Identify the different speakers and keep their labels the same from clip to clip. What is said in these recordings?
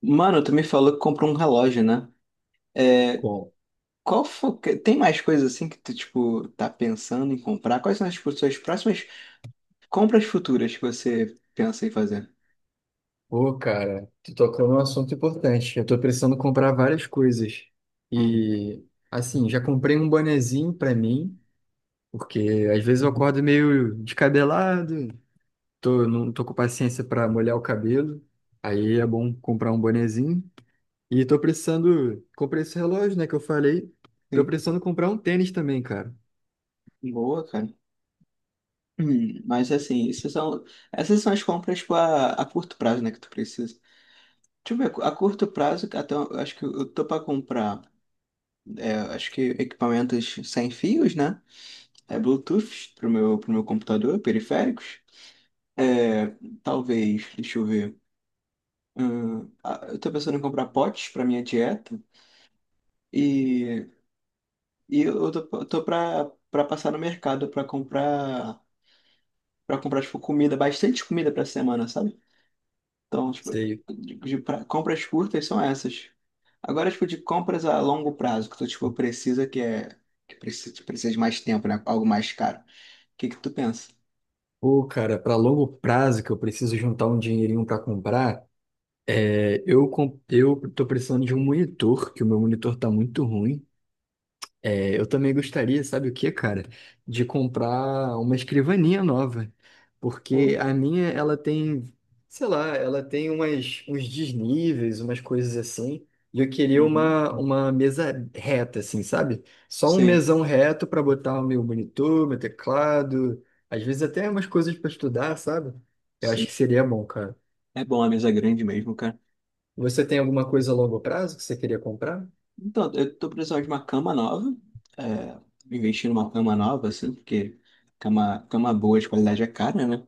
Speaker 1: Mano, tu me falou que comprou um relógio, né? É,
Speaker 2: Bom,
Speaker 1: tem mais coisas assim que tu, tipo, tá pensando em comprar? Quais são tipo, suas próximas compras futuras que você pensa em fazer?
Speaker 2: pô, cara, tu tocou num assunto importante. Eu tô precisando comprar várias coisas.
Speaker 1: Hum,
Speaker 2: E, assim, já comprei um bonezinho pra mim, porque às vezes eu acordo meio descabelado, não tô com paciência pra molhar o cabelo. Aí é bom comprar um bonezinho. E tô precisando. Comprei esse relógio, né, que eu falei. Tô
Speaker 1: sim,
Speaker 2: precisando comprar um tênis também, cara.
Speaker 1: boa, cara. Mas assim, essas são as compras, tipo, a curto prazo, né, que tu precisa. Deixa eu ver, a curto prazo, até, eu acho que eu tô pra comprar, acho que equipamentos sem fios, né? É, Bluetooth pro meu computador, periféricos. É, talvez, deixa eu ver. Ah, eu tô pensando em comprar potes para minha dieta e, e eu tô pra passar no mercado pra comprar para comprar tipo comida, bastante comida pra semana, sabe? Então, tipo,
Speaker 2: Sei.
Speaker 1: compras curtas são essas. Agora, tipo, de compras a longo prazo, que tu tipo precisa que precisa de mais tempo, né? Algo mais caro. O que que tu pensa?
Speaker 2: Pô, cara, pra longo prazo que eu preciso juntar um dinheirinho pra comprar. É, eu tô precisando de um monitor, que o meu monitor tá muito ruim. É, eu também gostaria, sabe o que, cara? De comprar uma escrivaninha nova.
Speaker 1: Pô.
Speaker 2: Porque a minha, ela tem, sei lá, ela tem umas, uns desníveis, umas coisas assim. E eu queria
Speaker 1: Uhum.
Speaker 2: uma mesa reta, assim, sabe? Só um
Speaker 1: Sim,
Speaker 2: mesão reto para botar o meu monitor, meu teclado, às vezes até umas coisas para estudar, sabe? Eu acho
Speaker 1: sim.
Speaker 2: que seria bom, cara.
Speaker 1: É bom, a mesa é grande mesmo, cara.
Speaker 2: Você tem alguma coisa a longo prazo que você queria comprar?
Speaker 1: Então, eu tô precisando de uma cama nova, é, investir numa cama nova, assim, porque cama, cama boa de qualidade é cara, né?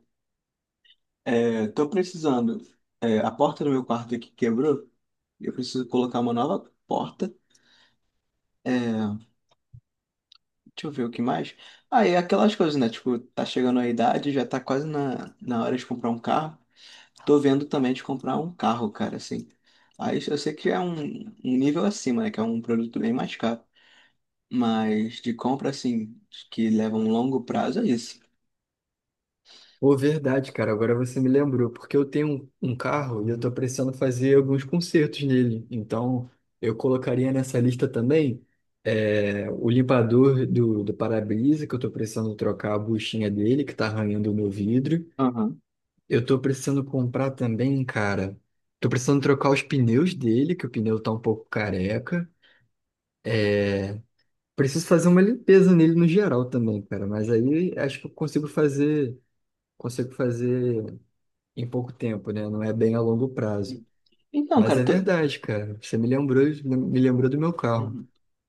Speaker 1: É, tô precisando, a porta do meu quarto aqui quebrou, eu preciso colocar uma nova porta, deixa eu ver o que mais. Ah, e aquelas coisas, né? Tipo, tá chegando a idade, já tá quase na hora de comprar um carro. Tô vendo também de comprar um carro, cara, assim. Aí eu sei que é um nível acima, né? Que é um produto bem mais caro. Mas de compra, assim, que leva um longo prazo, é isso.
Speaker 2: Pô, verdade, cara. Agora você me lembrou, porque eu tenho um carro e eu tô precisando fazer alguns consertos nele. Então, eu colocaria nessa lista também o limpador do para-brisa, que eu tô precisando trocar a buchinha dele, que tá arranhando o meu vidro.
Speaker 1: Aham.
Speaker 2: Eu tô precisando comprar também, cara. Tô precisando trocar os pneus dele, que o pneu tá um pouco careca. É, preciso fazer uma limpeza nele no geral também, cara. Mas aí acho que eu consigo fazer. Consigo fazer em pouco tempo, né? Não é bem a longo prazo.
Speaker 1: Então,
Speaker 2: Mas
Speaker 1: cara,
Speaker 2: é verdade, cara. Você me lembrou do meu carro.
Speaker 1: uhum.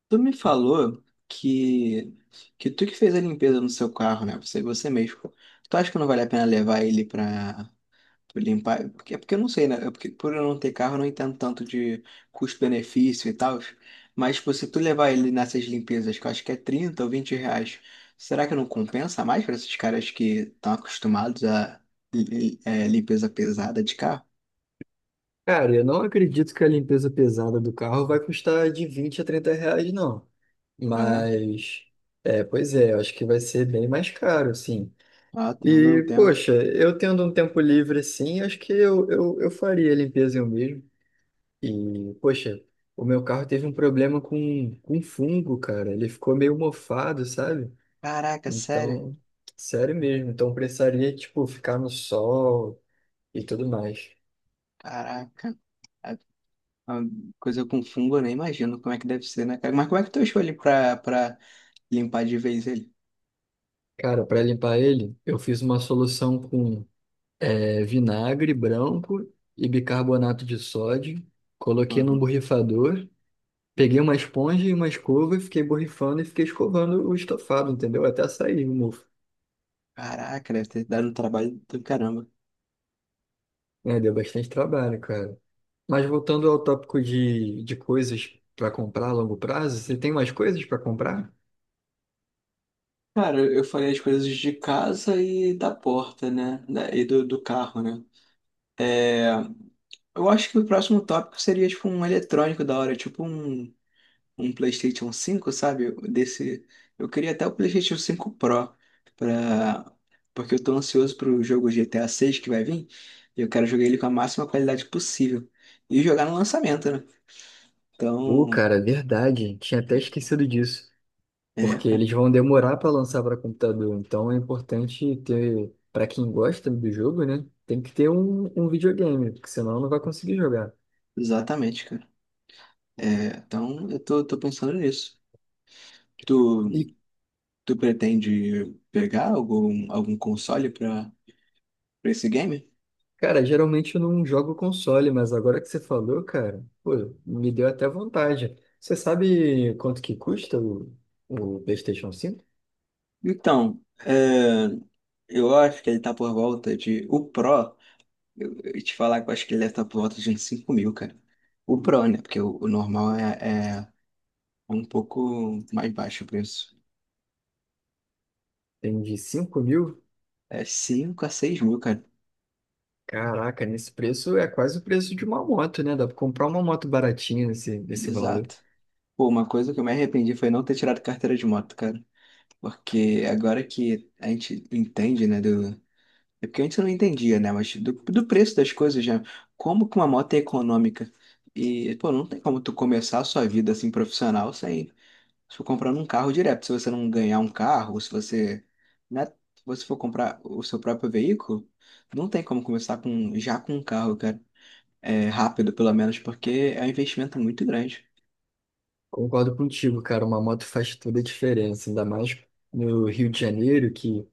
Speaker 1: tu me falou que tu que fez a limpeza no seu carro, né? Você mesmo. Tu acha que não vale a pena levar ele pra limpar, é porque eu não sei, né? Porque, por eu não ter carro, eu não entendo tanto de custo-benefício e tal. Mas, tipo, se tu levar ele nessas limpezas, que eu acho que é R$ 30 ou R$ 20, será que não compensa mais para esses caras que estão acostumados a limpeza pesada de carro?
Speaker 2: Cara, eu não acredito que a limpeza pesada do carro vai custar de R$ 20 a 30, não.
Speaker 1: Ah, é?
Speaker 2: Mas, pois é, eu acho que vai ser bem mais caro, sim.
Speaker 1: Ah, tá, eu não
Speaker 2: E,
Speaker 1: entendo.
Speaker 2: poxa, eu tendo um tempo livre assim, acho que eu faria a limpeza eu mesmo. E, poxa, o meu carro teve um problema com fungo, cara. Ele ficou meio mofado, sabe?
Speaker 1: Caraca, sério?
Speaker 2: Então, sério mesmo. Então precisaria, tipo, ficar no sol e tudo mais.
Speaker 1: Caraca. A- a Coisa com fungo, eu nem imagino como é que deve ser, né, cara? Mas como é que tu achou ele pra, limpar de vez ele?
Speaker 2: Cara, para limpar ele, eu fiz uma solução com vinagre branco e bicarbonato de sódio. Coloquei num
Speaker 1: Uhum.
Speaker 2: borrifador, peguei uma esponja e uma escova e fiquei borrifando e fiquei escovando o estofado, entendeu? Até sair o mofo.
Speaker 1: Caraca, deve ter dado um trabalho do caramba.
Speaker 2: É, deu bastante trabalho, cara. Mas voltando ao tópico de coisas para comprar a longo prazo, você tem mais coisas para comprar?
Speaker 1: Cara, eu falei as coisas de casa e da porta, né? E do carro, né? É, eu acho que o próximo tópico seria tipo um eletrônico da hora, tipo um PlayStation 5, sabe? Desse, eu queria até o PlayStation 5 Pro, pra, porque eu tô ansioso pro jogo GTA 6 que vai vir e eu quero jogar ele com a máxima qualidade possível e jogar no lançamento, né?
Speaker 2: Ô,
Speaker 1: Então,
Speaker 2: cara, é verdade. Tinha até esquecido disso. Porque
Speaker 1: cara,
Speaker 2: eles vão demorar para lançar para computador. Então é importante ter, para quem gosta do jogo, né? Tem que ter um videogame, porque senão não vai conseguir jogar.
Speaker 1: exatamente, cara. É, então eu tô pensando nisso. Tu
Speaker 2: E,
Speaker 1: Tu pretende pegar algum console para esse game?
Speaker 2: cara, geralmente eu não jogo console, mas agora que você falou, cara, pô, me deu até vontade. Você sabe quanto que custa o PlayStation 5.
Speaker 1: Então, eu acho que ele tá por volta de. O Pro, eu te falar que eu acho que ele deve estar por volta de uns 5 mil, cara. O Pro, né? Porque o normal é um pouco mais baixo o preço.
Speaker 2: Tem de 5 mil?
Speaker 1: É 5 a 6 mil, cara.
Speaker 2: Caraca, nesse preço é quase o preço de uma moto, né? Dá pra comprar uma moto baratinha nesse valor.
Speaker 1: Exato. Pô, uma coisa que eu me arrependi foi não ter tirado carteira de moto, cara. Porque agora que a gente entende, né, é porque antes eu não entendia, né? Mas do preço das coisas, já. Como que uma moto é econômica? E, pô, não tem como tu começar a sua vida assim profissional sem se for comprando um carro direto. Se você não ganhar um carro, ou se você for comprar o seu próprio veículo, não tem como começar com já com um carro, cara. É, rápido, pelo menos, porque é um investimento muito grande.
Speaker 2: Concordo contigo, cara. Uma moto faz toda a diferença, ainda mais no Rio de Janeiro, que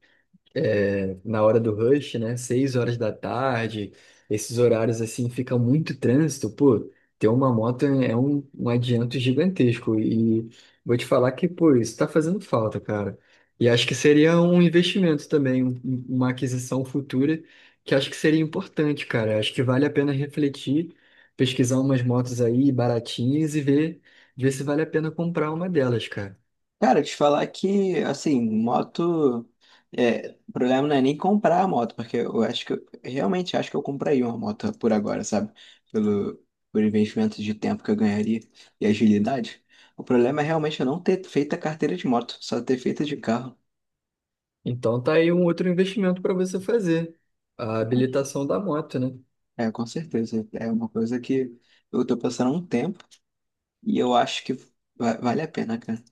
Speaker 2: é, na hora do rush, né? 6 horas da tarde, esses horários assim fica muito trânsito, pô. Ter uma moto é um adianto gigantesco e vou te falar que, pô, isso tá fazendo falta, cara. E acho que seria um investimento também, uma aquisição futura que acho que seria importante, cara. Acho que vale a pena refletir, pesquisar umas motos aí baratinhas e ver se vale a pena comprar uma delas, cara.
Speaker 1: Cara, te falar que, assim, moto. É, o problema não é nem comprar a moto, porque eu acho que. Realmente acho que eu compraria uma moto por agora, sabe? Pelo, por investimento de tempo que eu ganharia e agilidade. O problema é realmente eu não ter feito a carteira de moto, só ter feito de carro.
Speaker 2: Então tá aí um outro investimento para você fazer, a habilitação da moto, né?
Speaker 1: É, com certeza. É uma coisa que eu tô passando há um tempo e eu acho que vale a pena, cara.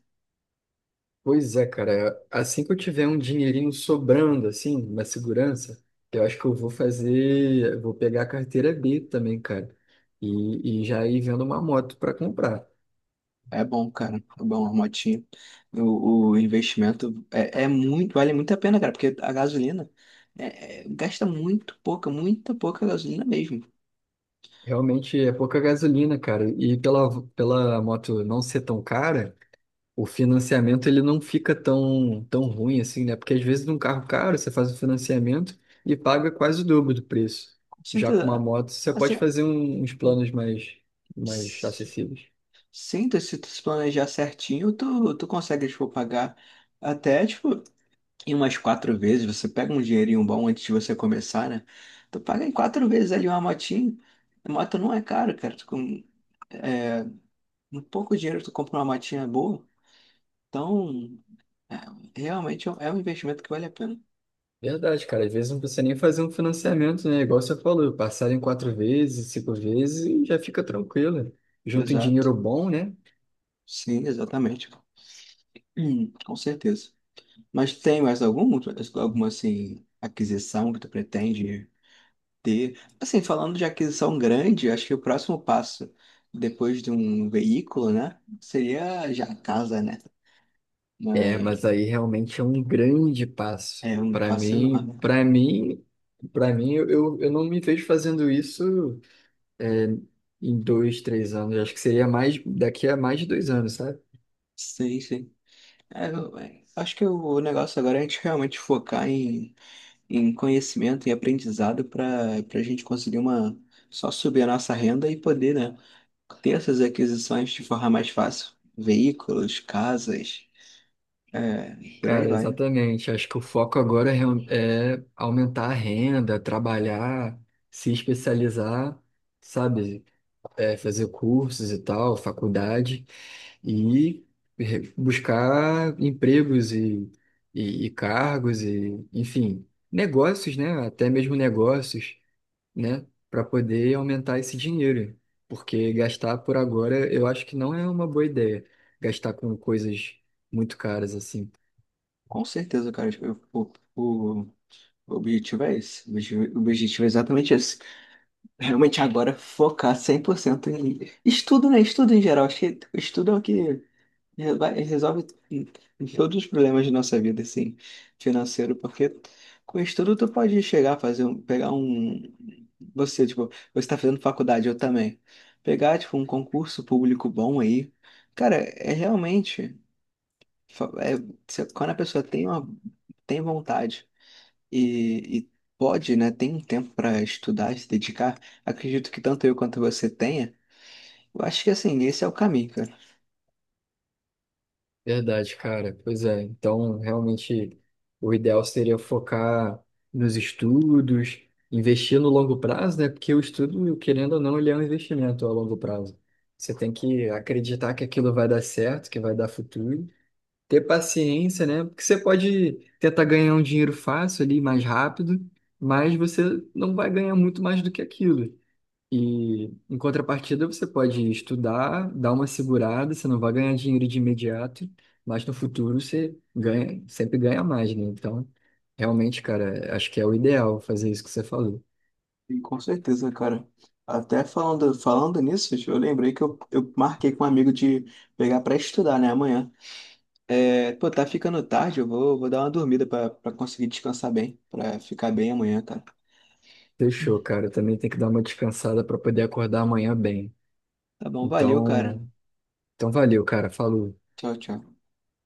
Speaker 2: Pois é, cara, assim que eu tiver um dinheirinho sobrando, assim, uma segurança, eu acho que eu vou fazer, eu vou pegar a carteira B também, cara, e já ir vendo uma moto para comprar.
Speaker 1: É bom, cara. É bom, a motinha. O investimento é muito, vale muito a pena, cara, porque a gasolina gasta muito pouca, muita pouca gasolina mesmo.
Speaker 2: Realmente é pouca gasolina, cara, e pela moto não ser tão cara. O financiamento ele não fica tão, tão ruim assim, né? Porque às vezes num carro caro você faz o financiamento e paga quase o dobro do preço.
Speaker 1: Com
Speaker 2: Já com uma
Speaker 1: certeza.
Speaker 2: moto você
Speaker 1: Assim,
Speaker 2: pode fazer uns
Speaker 1: um-
Speaker 2: planos mais, mais
Speaker 1: s-
Speaker 2: acessíveis.
Speaker 1: sinto, se tu se planejar certinho, tu consegue, tipo, pagar até, tipo, em umas quatro vezes. Você pega um dinheirinho bom antes de você começar, né? Tu paga em quatro vezes ali uma motinha. A moto não é caro, cara. É, um pouco dinheiro tu compra uma motinha boa. Então. É, realmente é um investimento que vale a pena.
Speaker 2: Verdade, cara. Às vezes não precisa nem fazer um financiamento, né? Igual você falou, passar em quatro vezes, cinco vezes e já fica tranquilo. Junto em
Speaker 1: Exato.
Speaker 2: dinheiro bom, né?
Speaker 1: Sim, exatamente. Com certeza. Mas tem mais alguma assim, aquisição que tu pretende ter? Assim, falando de aquisição grande, acho que o próximo passo, depois de um veículo, né? Seria já a casa, né?
Speaker 2: É, mas
Speaker 1: Mas
Speaker 2: aí realmente é um grande passo.
Speaker 1: é um
Speaker 2: Para
Speaker 1: passo
Speaker 2: mim,
Speaker 1: enorme.
Speaker 2: para mim, para mim, eu não me vejo fazendo isso é, em 2, 3 anos. Acho que seria mais daqui a mais de 2 anos, sabe?
Speaker 1: Sim, sim. Acho que o negócio agora é a gente realmente focar em conhecimento e aprendizado para a gente conseguir uma só subir a nossa renda e poder, né, ter essas aquisições de forma mais fácil. Veículos, casas, é, por aí
Speaker 2: Cara,
Speaker 1: vai, né?
Speaker 2: exatamente. Acho que o foco agora é aumentar a renda, trabalhar, se especializar, sabe? É, fazer cursos e tal, faculdade e buscar empregos e, e cargos e, enfim, negócios, né? Até mesmo negócios. Né, para poder aumentar esse dinheiro, porque gastar por agora eu acho que não é uma boa ideia, gastar com coisas muito caras assim.
Speaker 1: Com certeza, cara, o objetivo é esse. O objetivo é exatamente esse. Realmente agora focar 100% em estudo, né? Estudo em geral. Acho que estudo é o que resolve em em todos os problemas de nossa vida, assim, financeiro, porque com estudo tu pode chegar a fazer você, tipo, você tá fazendo faculdade, eu também, pegar, tipo, um concurso público bom aí, cara, é realmente, fa- é, quando a pessoa tem tem vontade e pode, né, tem um tempo para estudar, se dedicar, acredito que tanto eu quanto você tenha, eu acho que, assim, esse é o caminho, cara.
Speaker 2: Verdade, cara. Pois é. Então, realmente, o ideal seria focar nos estudos, investir no longo prazo, né? Porque o estudo, querendo ou não, ele é um investimento a longo prazo. Você tem que acreditar que aquilo vai dar certo, que vai dar futuro, ter paciência, né? Porque você pode tentar ganhar um dinheiro fácil ali, mais rápido, mas você não vai ganhar muito mais do que aquilo. E em contrapartida, você pode estudar, dar uma segurada, você não vai ganhar dinheiro de imediato, mas no futuro você ganha, sempre ganha mais, né? Então, realmente, cara, acho que é o ideal fazer isso que você falou.
Speaker 1: Sim, com certeza, cara. Até falando nisso, eu lembrei que eu marquei com um amigo de pegar pra estudar, né, amanhã. É, pô, tá ficando tarde, eu vou dar uma dormida pra conseguir descansar bem, pra ficar bem amanhã, cara.
Speaker 2: Fechou, cara. Eu também tem que dar uma descansada para poder acordar amanhã bem.
Speaker 1: Tá bom, valeu, cara.
Speaker 2: Então, então valeu, cara. Falou.
Speaker 1: Tchau, tchau.